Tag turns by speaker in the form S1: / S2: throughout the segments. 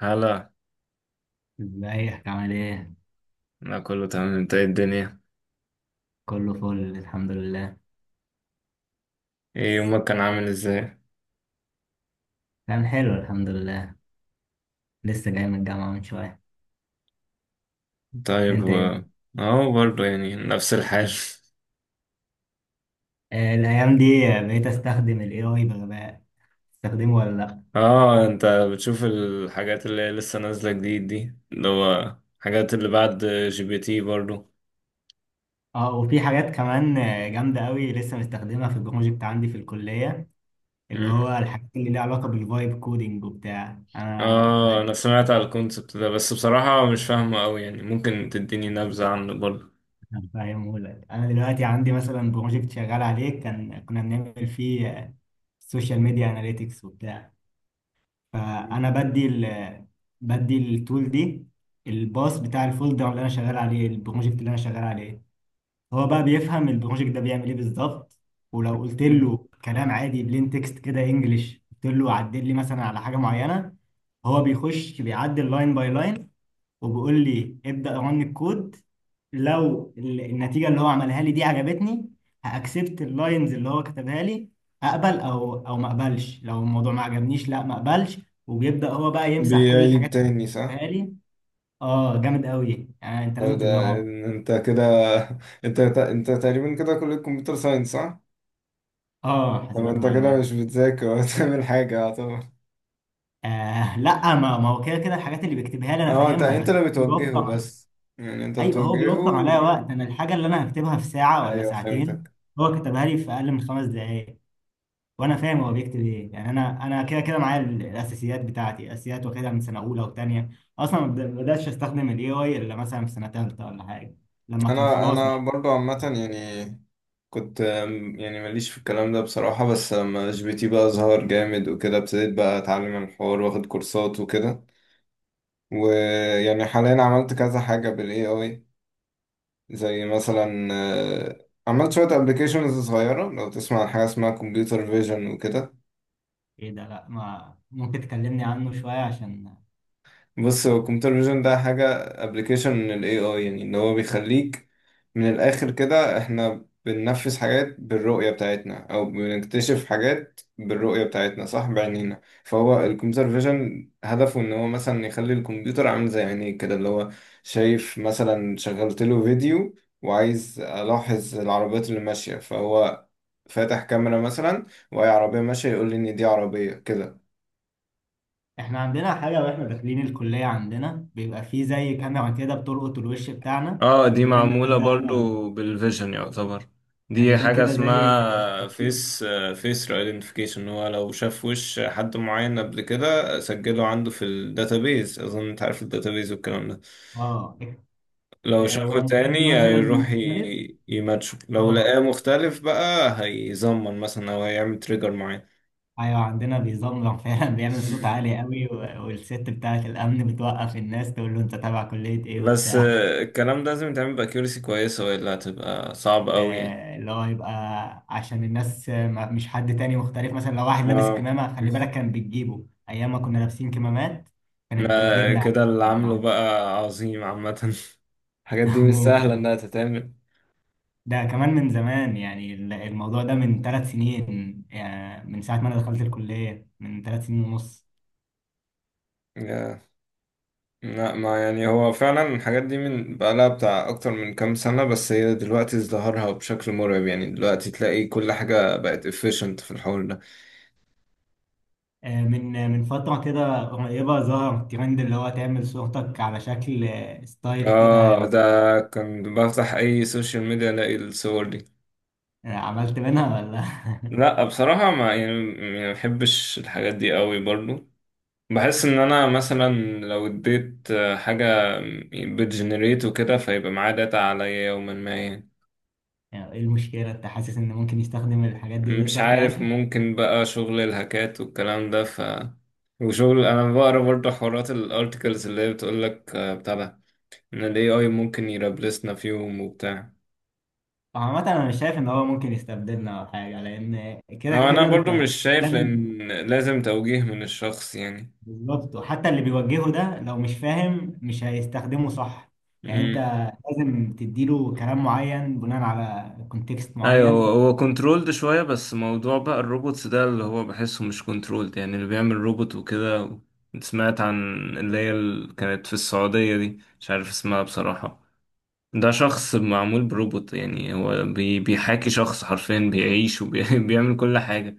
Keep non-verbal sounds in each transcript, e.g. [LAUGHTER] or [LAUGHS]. S1: هلا.
S2: ازيك عامل ايه؟
S1: انا كله تمام. انت ايه الدنيا؟
S2: كله فل الحمد لله.
S1: ايه يومك كان عامل ازاي؟
S2: كان حلو الحمد لله. لسه جاي من الجامعة من شوية.
S1: طيب
S2: انت ايه؟
S1: اهو برضه يعني نفس الحال. [LAUGHS]
S2: آه، الأيام دي بقيت استخدم ال AI بغباء. تستخدمه ولا لأ؟
S1: اه، انت بتشوف الحاجات اللي هي لسه نازلة جديد دي، اللي هو الحاجات اللي بعد جي بي تي برضه.
S2: اه وفي حاجات كمان جامدة قوي، لسه مستخدمها في البروجكت عندي في الكلية. اللي
S1: مم.
S2: هو الحاجات اللي ليها علاقة بالفايب كودينج وبتاع،
S1: اه، انا سمعت على الكونسبت ده، بس بصراحة مش فاهمه قوي يعني. ممكن تديني نبذة عنه برضه؟
S2: فاهمه لك. انا دلوقتي عندي مثلا بروجكت شغال عليه، كان كنا بنعمل فيه سوشيال ميديا اناليتكس وبتاع. فانا بدي ال بدي التول دي، الباص بتاع الفولدر اللي انا شغال عليه، البروجكت اللي انا شغال عليه. هو بقى بيفهم البروجكت ده بيعمل ايه بالظبط، ولو قلت
S1: مم.
S2: له كلام عادي بلين تكست كده انجلش، قلت له عدل لي مثلا على حاجه معينه، هو بيخش بيعدل لاين باي لاين، وبيقول لي ابدأ رن الكود. لو النتيجة اللي هو عملها لي دي عجبتني، هأكسبت اللاينز اللي هو كتبها لي، أقبل، أو ما أقبلش. لو الموضوع ما عجبنيش، لا ما أقبلش، وبيبدأ هو بقى يمسح كل
S1: بيعيد
S2: الحاجات
S1: تاني
S2: اللي
S1: صح؟
S2: كتبها لي. اه جامد قوي يعني، أنت
S1: طب
S2: لازم
S1: ده
S2: تجربه.
S1: انت كده. [LAUGHS] انت تقريبا كده كلية كمبيوتر ساينس صح؟
S2: اه
S1: طب
S2: حاسبات
S1: انت كده
S2: ومعلومات.
S1: مش بتذاكر ولا [LAUGHS] بتعمل حاجة؟ اه طبعا.
S2: آه لا، ما هو كده كده الحاجات اللي بيكتبها لي أنا
S1: اه، انت
S2: فاهمها،
S1: انت
S2: بس
S1: اللي بتوجهه
S2: بيوفر على-
S1: بس، يعني انت
S2: أيوه هو بيوفر
S1: بتوجهه.
S2: عليا وقت. أنا الحاجة اللي أنا هكتبها في ساعة ولا
S1: ايوه
S2: ساعتين،
S1: فهمتك.
S2: هو كتبها لي في أقل من 5 دقايق. وانا فاهم هو بيكتب ايه. يعني انا كده كده معايا الاساسيات بتاعتي، الاساسيات واخدها من سنه اولى وثانيه. اصلا ما بداتش استخدم الاي اي الا مثلا في سنه ثالثه ولا حاجه، لما كان
S1: انا
S2: خلاص مع.
S1: انا برضو عامة يعني. كنت يعني ماليش في الكلام ده بصراحة، بس لما جي بي تي بقى ظهر جامد وكده، ابتديت بقى اتعلم الحوار واخد كورسات وكده. ويعني حاليا عملت كذا حاجة بالاي اي، زي مثلا اه، عملت شوية ابلكيشنز صغيرة. لو تسمع عن حاجة اسمها كمبيوتر فيجن وكده،
S2: ايه ده؟ لا ما، ممكن تكلمني عنه شويه عشان
S1: بص، هو الكمبيوتر فيجن ده حاجة، ابلكيشن من ال AI، يعني ان هو بيخليك، من الآخر كده احنا بننفذ حاجات بالرؤية بتاعتنا او بنكتشف حاجات بالرؤية بتاعتنا صح، بعينينا. فهو الكمبيوتر فيجن هدفه ان هو مثلا يخلي الكمبيوتر عامل زي عينيك كده، اللي هو شايف. مثلا شغلت له فيديو وعايز الاحظ العربيات اللي ماشية، فهو فاتح كاميرا مثلا، وهي عربية ماشية يقول لي ان دي عربية كده.
S2: احنا عندنا حاجه، واحنا داخلين الكليه عندنا بيبقى فيه زي كاميرا كده بتلقط الوش بتاعنا،
S1: اه، دي
S2: وتقول لنا
S1: معمولة
S2: هل ده انا ولا
S1: برضو
S2: لأ.
S1: بالفيجن يعتبر.
S2: يعني
S1: دي
S2: ده
S1: حاجة
S2: كده زي.
S1: اسمها فيس، فيس ايدنتيفيكيشن. هو لو شاف وش حد معين قبل كده سجله عنده في الداتابيز، اظن انت عارف الداتابيز والكلام ده،
S2: اه
S1: لو شافه
S2: ولما حد
S1: تاني
S2: مثلا
S1: هيروح
S2: مختلف.
S1: يماتشه، لو لقاه
S2: اه
S1: مختلف بقى هيزمن مثلا او هيعمل تريجر معين.
S2: ايوه، عندنا بيزمجم [LAUGHS] فعلا بيعمل صوت عالي
S1: [LAUGHS]
S2: قوي، و- والست بتاعه الامن بتوقف الناس تقول له انت تابع كليه ايه
S1: بس
S2: وبتاع.
S1: الكلام ده لازم يتعمل باكيورسي كويسة، والا هتبقى صعب قوي يعني.
S2: اللي هو يبقى عشان الناس، ما- مش حد تاني مختلف. مثلا لو واحد لابس
S1: اه.
S2: كمامه، خلي بالك
S1: [LAUGHS]
S2: كان بتجيبه ايام ما كنا لابسين كمامات، كانت
S1: لا،
S2: بتجيبنا
S1: كده
S2: عادي.
S1: اللي عامله بقى عظيم عامة. [LAUGHS] الحاجات دي
S2: [LAUGHS]
S1: مش سهلة
S2: ممكن آه.
S1: إنها تتعمل.
S2: ده كمان من زمان يعني الموضوع ده من 3 سنين، يعني من ساعه ما انا دخلت الكليه من 3 سنين ونص.
S1: يا- لا ما يعني، هو فعلا الحاجات دي من بقالها بتاع أكتر من كام سنة، بس هي دلوقتي ازدهرها بشكل مرعب يعني، دلوقتي تلاقي كل حاجة بقت efficient في الحوار ده.
S2: من من فترة كده قريبة ظهر ترند اللي هو تعمل صورتك على شكل ستايل كده
S1: اه ده.
S2: مثلا.
S1: كان بفتح أي سوشيال ميديا ألاقي الصور دي.
S2: آه، عملت منها ولا؟ [LAUGHS]
S1: لا بصراحة ما يعني، ما بحبش الحاجات دي قوي برضو، بحس ان انا مثلا لو اديت حاجة بتجنريت وكده، فيبقى معاه داتا عليا يوما ما يعني.
S2: يعني ايه المشكلة؟ انت حاسس ان ممكن يستخدم الحاجات دي
S1: مش
S2: ضدك
S1: عارف،
S2: يعني؟
S1: ممكن بقى شغل الهاكات والكلام ده، وشغل انا بقرا برضه حوارات الارتكلز اللي هي بتقولك بتاع ده، ان الاي اي ممكن يرابلسنا في يوم وبتاع.
S2: عامة انا مش شايف ان هو ممكن يستبدلنا او حاجة، لان كده
S1: هو انا
S2: كده
S1: برضه
S2: انت
S1: مش شايف،
S2: لازم.
S1: لان لازم توجيه من الشخص
S2: بالظبط، وحتى اللي بيوجهه ده لو مش فاهم مش هيستخدمه صح. يعني انت
S1: يعني.
S2: لازم تديله كلام معين بناء على كونتكست
S1: ايوه، هو
S2: معين.
S1: هو كنترولد شويه، بس موضوع بقى الروبوتس ده اللي هو بحسه مش كنترولد، يعني اللي بيعمل روبوت وكده. سمعت عن، اللي هي كانت في السعوديه دي مش عارف اسمها بصراحه، ده شخص معمول بروبوت، يعني هو بيحاكي شخص حرفيا، بيعيش وبيعمل [LAUGHS] كل حاجه.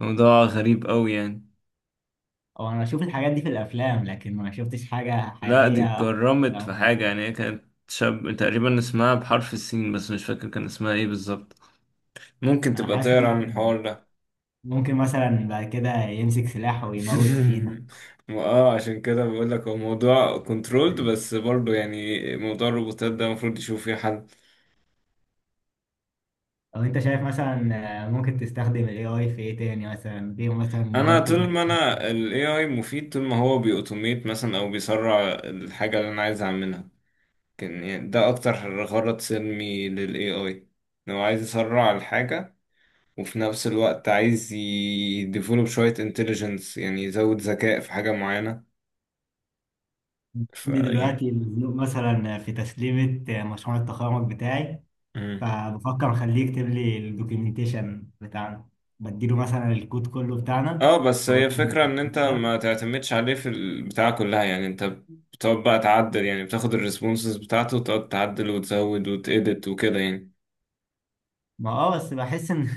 S1: موضوع غريب قوي يعني.
S2: او انا بشوف الحاجات دي في الافلام، لكن ما شفتش حاجه
S1: لا دي
S2: حقيقيه
S1: اتكرمت في
S2: عموماً.
S1: حاجه، يعني هي كانت شاب تقريبا اسمها بحرف السين، بس مش فاكر كان اسمها ايه بالظبط. ممكن
S2: انا
S1: تبقى
S2: حاسس
S1: تقرا عن
S2: ممكن،
S1: الحوار ده.
S2: ممكن مثلا بعد كده يمسك سلاح ويموت فينا.
S1: [LAUGHS] ما اه عشان كده بقول لك، هو موضوع كنترولد، بس برضه يعني موضوع الروبوتات ده المفروض يشوف فيه حل.
S2: او انت شايف مثلا ممكن تستخدم الاي اي في ايه تاني مثلا، غير مثلا ان هو
S1: انا
S2: يكتب
S1: طول
S2: لك؟
S1: ما انا ال AI مفيد، طول ما هو بيأوتوميت مثلا او بيسرع الحاجة اللي انا عايز اعملها، كان يعني ده اكتر غرض سلمي لل AI، إن هو عايز يسرع الحاجة، وفي نفس الوقت عايز يديفولوب شوية انتليجنس، يعني يزود ذكاء في حاجة معينة.
S2: عندي
S1: يعني،
S2: دلوقتي مزنوق مثلا في تسليمه مشروع التخرج بتاعي، فبفكر اخليه يكتب لي الدوكيومنتيشن بتاعنا، بديله مثلا الكود كله بتاعنا،
S1: اه بس
S2: بقول
S1: هي
S2: له
S1: فكرة ان
S2: الكلام
S1: انت
S2: ده.
S1: ما تعتمدش عليه في البتاع كلها، يعني انت بتقعد بقى تعدل، يعني بتاخد الريسبونسز بتاعته وتقعد تعدل وتزود وتedit وكده يعني.
S2: ما اه بس بحس ان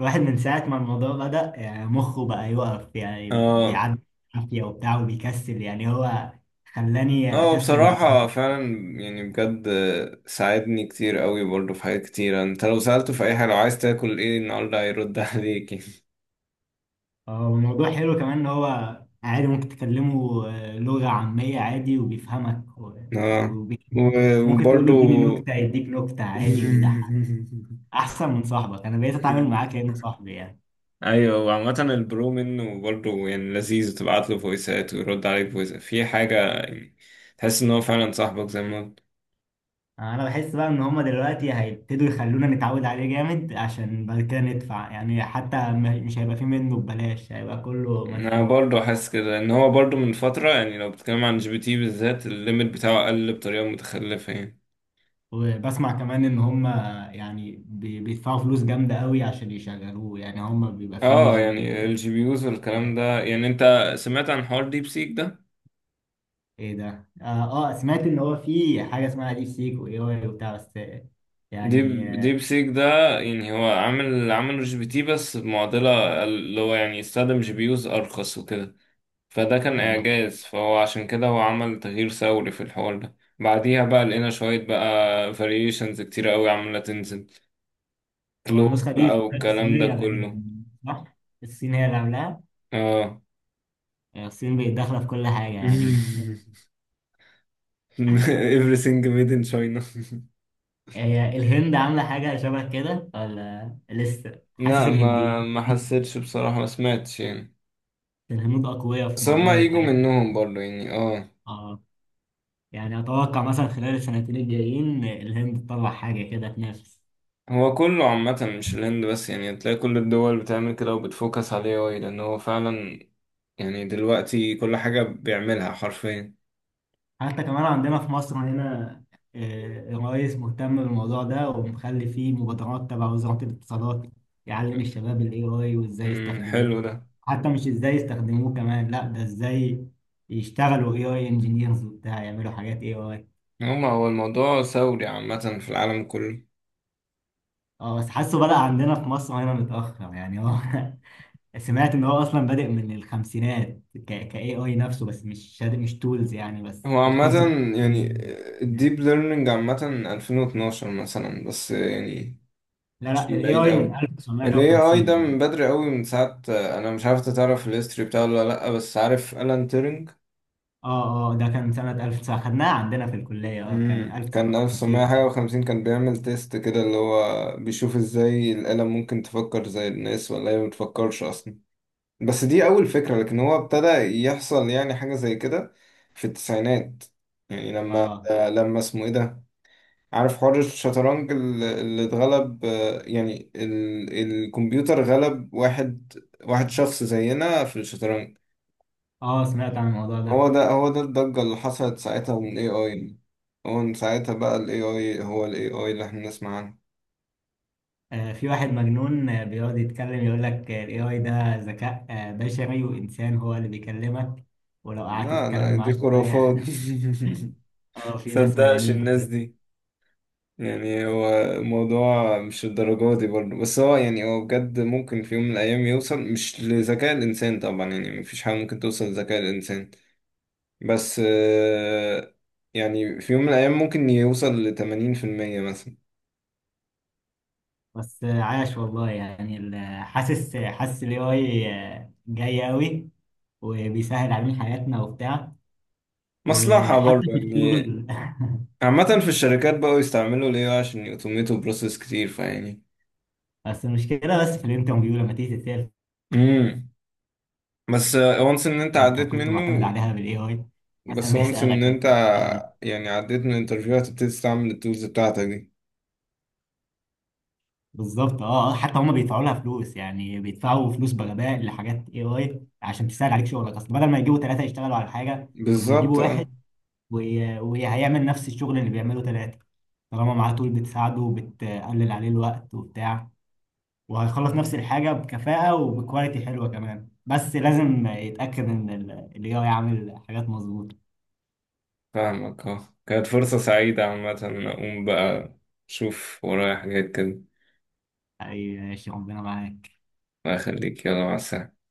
S2: الواحد من ساعة ما الموضوع بدأ يعني مخه بقى يقف، يعني
S1: اه.
S2: بيعدي عافية وبتاع، وبيكسل. يعني هو خلاني
S1: اه،
S2: أكسل جدا.
S1: بصراحة فعلا يعني بجد ساعدني كتير قوي برضه في حاجات كتيرة. انت لو سألته في اي حاجة، لو عايز تاكل ايه النهاردة هيرد عليك [LAUGHS] يعني.
S2: والموضوع حلو كمان إن هو عادي، ممكن تكلمه لغة عامية عادي وبيفهمك، و-
S1: اه
S2: وبي- ممكن تقول له
S1: وبرضه.
S2: اديني نكتة، يديك نكتة عادي ويضحك أحسن من صاحبك. أنا بقيت أتعامل معاه
S1: [LAUGHS]
S2: كأنه صاحبي يعني.
S1: ايوه، وعامة البرو منه برضه يعني لذيذ، تبعت له فويسات ويرد عليك فويس في حاجة يعني، تحس ان هو فعلا صاحبك زي ما قلت.
S2: انا بحس بقى ان هما دلوقتي هيبتدوا يخلونا نتعود عليه جامد، عشان بعد كده ندفع. يعني حتى م- مش هيبقى فيه منه ببلاش، هيبقى كله
S1: انا
S2: مدفوع.
S1: برضه حاسس كده ان هو برضه من فترة يعني، لو بتتكلم عن جي بي تي بالذات، الليميت بتاعه قل بطريقة متخلفة يعني.
S2: وبسمع كمان ان هما، يعني بي- بيدفعوا فلوس جامدة قوي عشان يشغلوه. يعني هما بيبقى فيه
S1: اه،
S2: جي بي
S1: يعني
S2: يو
S1: الجي بي يوز والكلام
S2: وحاجات.
S1: ده، يعني انت سمعت عن حوار ديب سيك ده؟
S2: ايه ده؟ اه سمعت ان هو فيه حاجة اسمها ديب سيك واي اي وبتاع، بس يعني
S1: ديب
S2: آه،
S1: ديب سيك ده، يعني هو عامل عمله جي بي تي بس بمعضلة، اللي هو يعني يستخدم جي بي يوز ارخص وكده، فده كان
S2: الله.
S1: إعجاز، فهو عشان كده هو عمل تغيير ثوري في الحوار ده، بعديها بقى لقينا شوية بقى فاريشنز كتيرة قوي عمالة تنزل
S2: هو
S1: كلوب
S2: النسخة
S1: بقى
S2: دي
S1: والكلام ده
S2: الصينية
S1: كله.
S2: غالبا صح؟ الصين هي اللي عاملاها.
S1: اه.
S2: يعني الصين بقت داخلة في كل حاجة يعني.
S1: [LAUGHS] everything made in China.
S2: هي الهند عاملة حاجة شبه كده ولا لسه؟ حاسس
S1: لا، ما
S2: الهنديين،
S1: ما حسيتش بصراحة، ما سمعتش يعني،
S2: الهنود أقوياء في
S1: بس
S2: موضوع
S1: هما يجوا
S2: الحاجات دي.
S1: منهم برضه يعني. اه.
S2: اه يعني أتوقع مثلا خلال السنتين الجايين الهند تطلع حاجة كده تنافس.
S1: هو كله عامة، مش الهند بس يعني، تلاقي كل الدول بتعمل كده وبتفوكس عليه أوي، لأن هو فعلا يعني دلوقتي كل حاجة بيعملها حرفيا.
S2: حتى كمان عندنا في مصر هنا الرئيس مهتم بالموضوع ده، ومخلي فيه مبادرات تبع وزارة الاتصالات، يعلم الشباب ال AI وإزاي
S1: امم،
S2: يستخدموه.
S1: حلو ده.
S2: حتى مش إزاي يستخدموه كمان، لا ده إزاي يشتغلوا AI engineers وبتاع، يعملوا حاجات AI.
S1: هو الموضوع ثوري عامة في العالم كله.
S2: اه بس حاسه بدأ عندنا في مصر هنا متأخر يعني هو. [LAUGHS] سمعت ان هو اصلا بادئ من الخمسينات، ك AI نفسه، بس مش تولز يعني، بس
S1: هو عامة
S2: الكونسبت.
S1: يعني
S2: [LAUGHS]
S1: الديب ليرنينج عامة 2012 مثلا بس يعني،
S2: لا
S1: مش
S2: ال
S1: من بعيد
S2: AI من
S1: قوي. ال AI
S2: 1950
S1: ده
S2: يعني.
S1: من بدري قوي، من ساعة أنا مش عارف إنت تعرف الهيستوري بتاعه ولا لأ، بس عارف ألان تيرنج؟
S2: اه اه ده كان سنة 1900، خدناه عندنا في الكلية، اه كان
S1: امم، كان
S2: 1950 كده.
S1: 1950، كان بيعمل تيست كده اللي هو بيشوف ازاي الآلة ممكن تفكر زي الناس ولا هي ما بتفكرش أصلا. بس دي أول فكرة، لكن هو ابتدى يحصل يعني حاجة زي كده في التسعينات. يعني لما
S2: اه
S1: آه، لما اسمه إيه ده، عارف حوار الشطرنج اللي اتغلب، يعني الكمبيوتر غلب واحد، واحد شخص زينا في الشطرنج.
S2: اه سمعت عن الموضوع
S1: هو
S2: ده.
S1: ده هو ده الضجة اللي حصلت ساعتها من AI يعني. هو من ساعتها بقى ال AI، هو ال AI اللي احنا بنسمع عنه.
S2: آه في واحد مجنون بيقعد يتكلم، يقول لك ال AI ده ذكاء بشري وإنسان هو اللي بيكلمك ولو قعدت
S1: لا
S2: تتكلم
S1: لا، دي
S2: معاه شوية.
S1: خرافات. [LAUGHS]
S2: [LAUGHS] اه في ناس
S1: مصدقش
S2: مجانين
S1: الناس
S2: كده.
S1: دي. يعني هو الموضوع مش الدرجة دي برضه، بس هو يعني هو بجد ممكن في يوم من الأيام يوصل، مش لذكاء الإنسان طبعا يعني مفيش حاجة ممكن توصل لذكاء الإنسان، بس يعني في يوم من الأيام ممكن يوصل لـ80% مثلا.
S2: بس عاش والله يعني ال- حاسس، حاسس ال AI جاي قوي، وبيسهل علينا حياتنا وبتاع،
S1: مصلحة
S2: وحتى
S1: برضه
S2: في
S1: يعني.
S2: الشغل.
S1: عامة في الشركات بقوا يستعملوا ال AI عشان يوتوميتوا بروسيس كتير فيعني.
S2: [LAUGHS] بس المشكلة بس في الانترفيو لما تيجي تتسأل،
S1: امم. بس وانس إن أنت
S2: انت
S1: عديت
S2: كنت معتمد
S1: منه،
S2: عليها بال AI. مثلا
S1: بس وانس إن
S2: بيسألك.
S1: أنت، يعني عديت من الانترفيو هتبتدي تستعمل التولز بتاعتك دي.
S2: بالظبط اه، حتى هم بيدفعوا لها فلوس، يعني بيدفعوا فلوس بغباء لحاجات AI عشان تسهل عليك شغلك. اصل بدل ما يجيبوا 3 يشتغلوا على حاجة، طب ما
S1: بالظبط
S2: يجيبوا واحد
S1: اه.
S2: وي- وهيعمل نفس الشغل اللي بيعمله 3، طالما معاه تول بتساعده وبتقلل عليه الوقت وبتاع، وهيخلص نفس الحاجة بكفاءة وبكواليتي حلوة كمان. بس لازم يتأكد إن ال AI عامل حاجات مظبوطة.
S1: فاهمك اه. كانت فرصة سعيدة عامة. أقوم بقى أشوف ورايا حاجات كده.
S2: ماشي ربنا معاك.
S1: الله يخليك، يلا مع السلامة.